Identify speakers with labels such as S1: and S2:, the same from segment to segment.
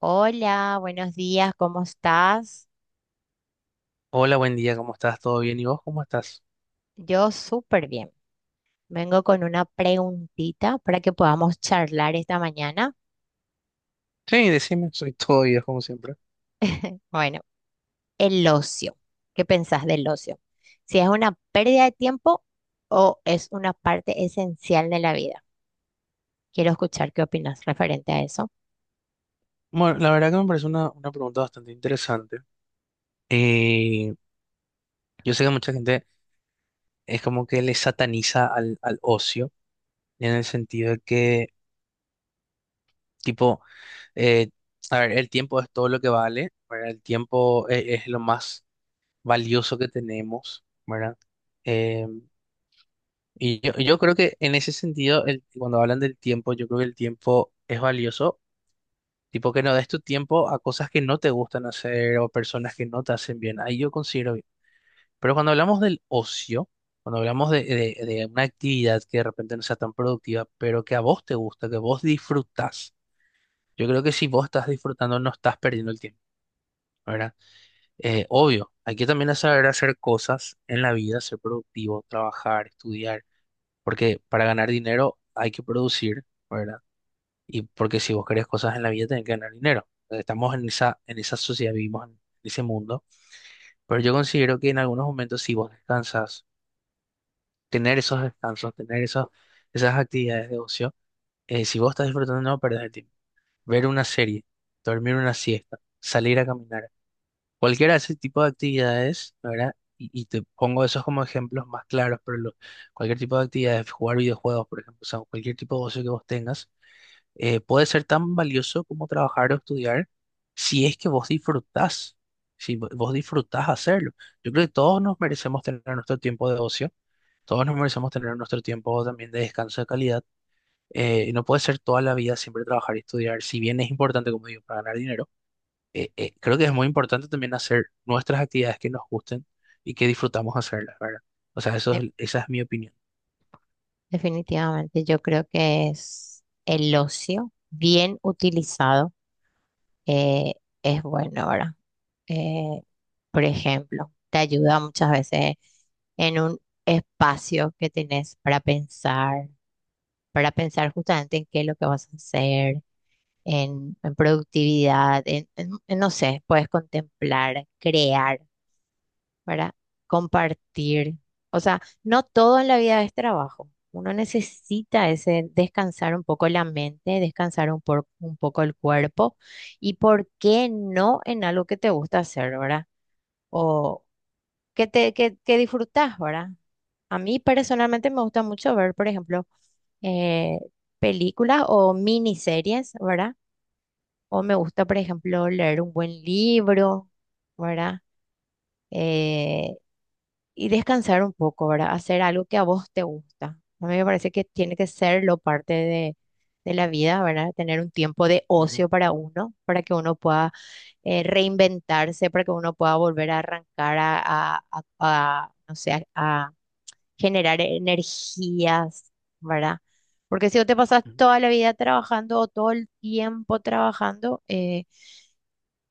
S1: Hola, buenos días, ¿cómo estás?
S2: Hola, buen día, ¿cómo estás? ¿Todo bien? ¿Y vos cómo estás?
S1: Yo súper bien. Vengo con una preguntita para que podamos charlar esta mañana.
S2: Sí, decime, soy todo oídos como siempre.
S1: Bueno, el ocio. ¿Qué pensás del ocio? Si es una pérdida de tiempo o es una parte esencial de la vida. Quiero escuchar qué opinas referente a eso.
S2: Bueno, la verdad que me parece una pregunta bastante interesante. Eh, yo sé que mucha gente es como que le sataniza al ocio, en el sentido de que, tipo, eh, a ver, el tiempo es todo lo que vale, ¿verdad? El tiempo es lo más valioso que tenemos, ¿verdad? Eh, y yo creo que en ese sentido, cuando hablan del tiempo, yo creo que el tiempo es valioso. Tipo que no des tu tiempo a cosas que no te gustan hacer o personas que no te hacen bien. Ahí yo considero bien. Pero cuando hablamos del ocio, cuando hablamos de una actividad que de repente no sea tan productiva, pero que a vos te gusta, que vos disfrutás, yo creo que si vos estás disfrutando no estás perdiendo el tiempo, ¿verdad? Obvio, hay que también saber hacer cosas en la vida, ser productivo, trabajar, estudiar, porque para ganar dinero hay que producir. ¿Verdad? Y porque si vos querés cosas en la vida, tenés que ganar dinero. Estamos en esa sociedad, vivimos en ese mundo. Pero yo considero que en algunos momentos, si vos descansas, tener esos descansos, esas actividades de ocio, si vos estás disfrutando, no perdés el tiempo. Ver una serie, dormir una siesta, salir a caminar, cualquiera de ese tipo de actividades, ¿verdad? Y te pongo esos como ejemplos más claros, pero cualquier tipo de actividades, jugar videojuegos, por ejemplo, o sea, cualquier tipo de ocio que vos tengas puede ser tan valioso como trabajar o estudiar si es que vos disfrutás, si vos disfrutás hacerlo. Yo creo que todos nos merecemos tener nuestro tiempo de ocio, todos nos merecemos tener nuestro tiempo también de descanso de calidad. Eh, y no puede ser toda la vida siempre trabajar y estudiar, si bien es importante, como digo, para ganar dinero, creo que es muy importante también hacer nuestras actividades que nos gusten y que disfrutamos hacerlas, ¿verdad? O sea,
S1: Eh,
S2: esa es mi opinión.
S1: Definitivamente yo creo que es el ocio bien utilizado. eh, es bueno ahora. Eh, por ejemplo, te ayuda muchas veces en un espacio que tenés para pensar justamente en qué es lo que vas a hacer, en productividad, en, no sé, puedes contemplar, crear, para compartir. O sea, no todo en la vida es trabajo. Uno necesita ese descansar un poco la mente, descansar un poco el cuerpo y por qué no en algo que te gusta hacer, ¿verdad? O que disfrutás, ¿verdad? A mí personalmente me gusta mucho ver, por ejemplo, eh, películas o miniseries, ¿verdad? O me gusta, por ejemplo, leer un buen libro, ¿verdad? Eh, y descansar un poco, ¿verdad? Hacer algo que a vos te gusta. A mí me parece que tiene que ser lo parte de la vida, ¿verdad? Tener un tiempo de
S2: Ujú,
S1: ocio para uno, para que uno pueda reinventarse, para que uno pueda volver a arrancar a, no sé, a generar energías, ¿verdad? Porque si vos te pasas
S2: ujú,
S1: toda la vida trabajando o todo el tiempo trabajando,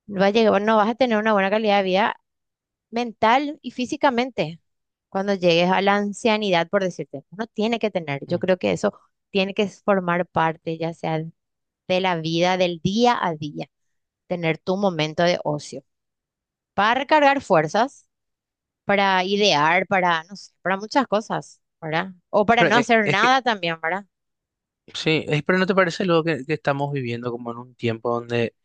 S1: va a no vas a tener una buena calidad de vida mental y físicamente cuando llegues a la ancianidad, por decirte. Uno tiene que tener, yo
S2: ujú.
S1: creo que eso tiene que formar parte, ya sea de la vida, del día a día, tener tu momento de ocio para recargar fuerzas, para idear, para, no sé, para muchas cosas, ¿verdad? O para
S2: Pero
S1: no hacer
S2: es que
S1: nada también, ¿verdad?
S2: sí, pero ¿no te parece luego que estamos viviendo como en un tiempo donde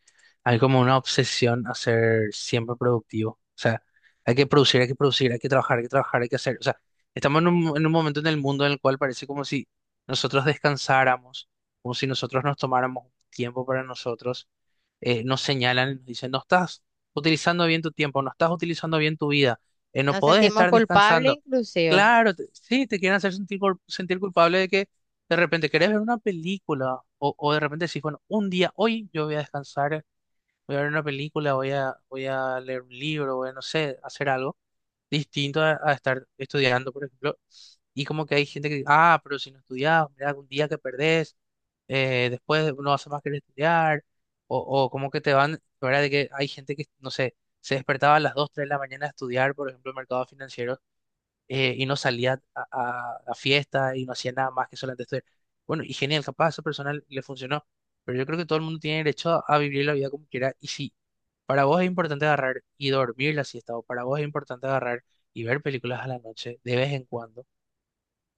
S2: hay como una obsesión a ser siempre productivo? O sea, hay que producir, hay que producir, hay que trabajar, hay que trabajar, hay que hacer. O sea, estamos en un momento en el mundo en el cual parece como si nosotros descansáramos, como si nosotros nos tomáramos un tiempo para nosotros, nos señalan, y nos dicen, no estás utilizando bien tu tiempo, no estás utilizando bien tu vida, no
S1: Nos
S2: podés
S1: sentimos
S2: estar
S1: culpables
S2: descansando.
S1: inclusive.
S2: Claro, sí, te quieren hacer sentir, sentir culpable de que de repente querés ver una película o de repente decís, bueno, un día, hoy yo voy a descansar, voy a ver una película, voy a, voy a leer un libro, voy a, no sé, hacer algo distinto a estar estudiando, por ejemplo. Y como que hay gente que, ah, pero si no estudias, mira, un día que perdés, después no hace más que estudiar, o como que te van, ¿verdad? De que hay gente que, no sé, se despertaba a las 2 3 de la mañana a estudiar, por ejemplo, el mercado financiero, y no salía a fiesta y no hacía nada más que solamente estudiar. Bueno, y genial, capaz esa persona le funcionó, pero yo creo que todo el mundo tiene derecho a vivir la vida como quiera, y si para vos es importante agarrar y dormir la siesta, o para vos es importante agarrar y ver películas a la noche de vez en cuando,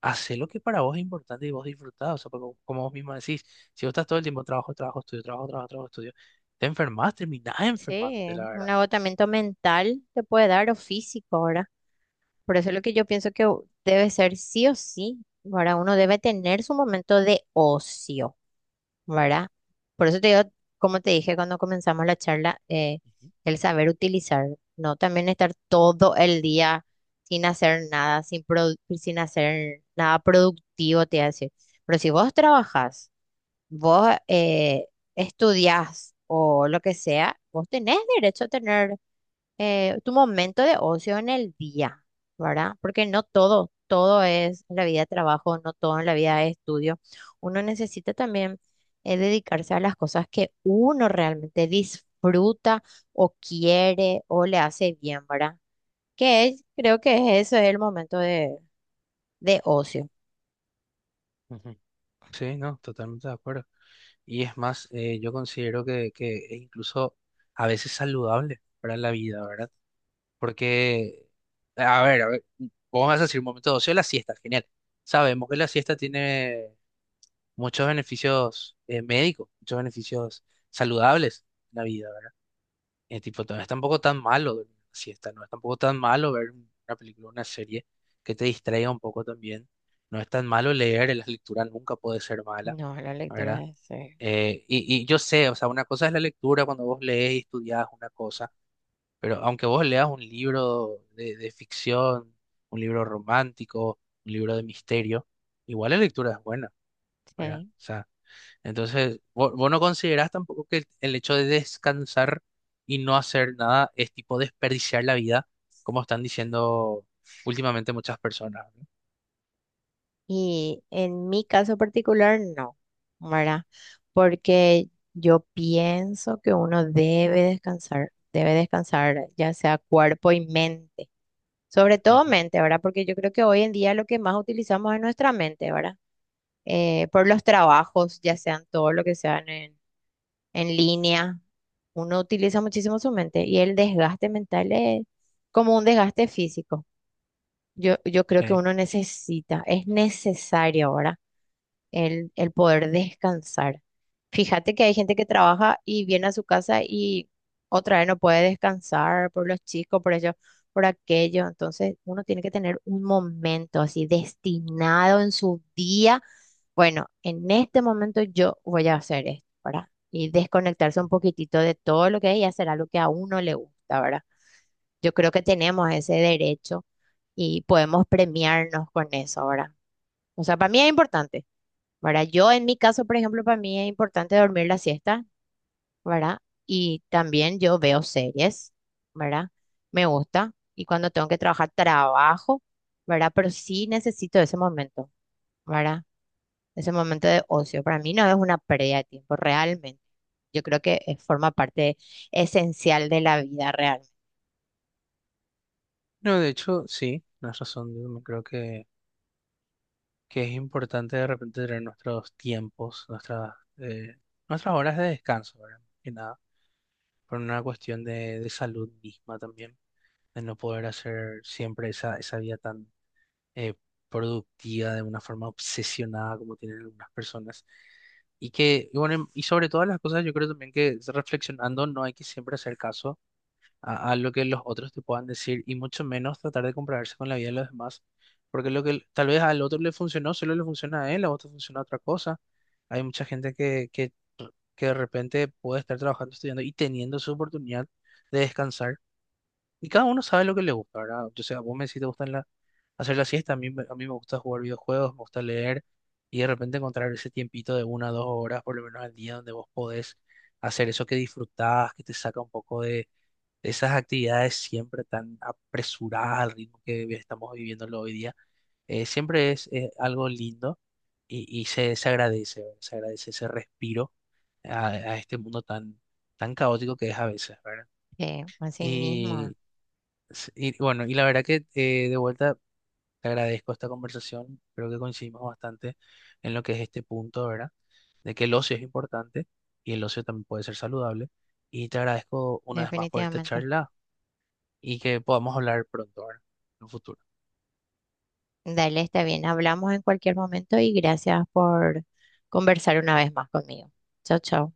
S2: hacé lo que para vos es importante y vos disfrutás. O sea, porque como vos misma decís, si vos estás todo el tiempo trabajo, trabajo, estudio, trabajo, trabajo, trabajo, estudio, te enfermas, terminás enfermándote, la
S1: Sí, un
S2: verdad.
S1: agotamiento mental te puede dar o físico, ¿verdad? Por eso es lo que yo pienso que debe ser sí o sí, ¿verdad? Uno debe tener su momento de ocio, ¿verdad? Por eso te digo, como te dije cuando comenzamos la charla,
S2: Ujú,
S1: el saber utilizar, ¿no? También estar todo el día sin hacer nada, sin hacer nada productivo, te voy a decir. Pero si vos trabajás, vos estudiás o lo que sea, vos tenés derecho a tener tu momento de ocio en el día, ¿verdad? Porque no todo, todo es en la vida de trabajo, no todo en la vida de estudio. Uno necesita también dedicarse a las cosas que uno realmente disfruta o quiere o le hace bien, ¿verdad? Creo que es eso es el momento de ocio.
S2: ujú. Sí, no, totalmente de acuerdo. Y es más, yo considero que es incluso a veces saludable para la vida, ¿verdad? Porque, a ver, vos me vas a decir un momento de ocio, la siesta, genial. Sabemos que la siesta tiene muchos beneficios médicos, muchos beneficios saludables en la vida. Tipo, no es tampoco tan malo dormir una siesta, no es tampoco tan malo ver una película, una serie que te distraiga un poco también. No es tan malo leer, la lectura nunca puede ser mala,
S1: No, la lectura
S2: ¿verdad?
S1: es sí.
S2: Y yo sé, o sea, una cosa es la lectura cuando vos lees y estudias una cosa, pero aunque vos leas un libro de ficción, un libro romántico, un libro de misterio, igual la lectura es buena, ¿verdad?
S1: Sí.
S2: O sea, entonces, vos, no considerás tampoco que el hecho de descansar y no hacer nada es tipo desperdiciar la vida, como están diciendo últimamente muchas personas, ¿no?
S1: Y en mi caso particular, no, ¿verdad? Porque yo pienso que uno debe descansar ya sea cuerpo y mente, sobre todo
S2: Ujú,
S1: mente, ¿verdad? Porque yo creo que hoy en día lo que más utilizamos es nuestra mente, ¿verdad? Por los trabajos, ya sean todo lo que sean en línea, uno utiliza muchísimo su mente y el desgaste mental es como un desgaste físico. Yo creo que
S2: sí,
S1: uno necesita, es necesario ahora el poder descansar. Fíjate que hay gente que trabaja y viene a su casa y otra vez no puede descansar por los chicos, por ello, por aquello. Entonces uno tiene que tener un momento así destinado en su día. Bueno, en este momento yo voy a hacer esto, ¿verdad? Y desconectarse un
S2: ujú.
S1: poquitito de todo lo que hay y hacer algo que a uno le gusta, ¿verdad? Yo creo que tenemos ese derecho y podemos premiarnos con eso, ¿verdad? O sea, para mí es importante, ¿verdad? Yo en mi caso, por ejemplo, para mí es importante dormir la siesta, ¿verdad? Y también yo veo series, ¿verdad? Me gusta y cuando tengo que trabajar, trabajo, ¿verdad? Pero sí necesito ese momento, ¿verdad? Ese momento de ocio. Para mí no es una pérdida de tiempo, realmente. Yo creo que forma parte esencial de la vida real.
S2: No, de hecho, sí, tienes razón. Yo también creo que es importante de repente tener nuestros tiempos, nuestras, nuestras horas de descanso, ¿verdad? Más que nada, por una cuestión de salud misma también, de no poder hacer siempre esa, esa vida tan eh, productiva de una forma obsesionada como tienen algunas personas. Y que, y bueno, y sobre todas las cosas, yo creo también que reflexionando no hay que siempre hacer caso a lo que los otros te puedan decir y mucho menos tratar de compararse con la vida de los demás, porque lo que tal vez al otro le funcionó, solo le funciona a él, a vos te funciona otra cosa. Hay mucha gente que de repente puede estar trabajando, estudiando y teniendo su oportunidad de descansar y cada uno sabe lo que le gusta, ¿verdad? O sea, vos me decís te gusta la, hacer la siesta, a mí me gusta jugar videojuegos, me gusta leer y de repente encontrar ese tiempito de una o dos horas por lo menos al día donde vos podés hacer eso que disfrutás, que te saca un poco de esas actividades siempre tan apresuradas al ritmo que estamos viviéndolo hoy día. Siempre es, algo lindo y se agradece, ¿verdad? Se agradece ese respiro a este mundo tan, tan caótico que es a veces, ¿verdad?
S1: Sí, así mismo,
S2: Sí, y bueno, y la verdad que de vuelta te agradezco esta conversación. Creo que coincidimos bastante en lo que es este punto, ¿verdad? De que el ocio es importante y el ocio también puede ser saludable. Y te agradezco una vez más por esta
S1: definitivamente.
S2: charla y que podamos hablar pronto, ¿verdad? En un futuro.
S1: Dale, está bien. Hablamos en cualquier momento y gracias por conversar una vez más conmigo. Chao, chao.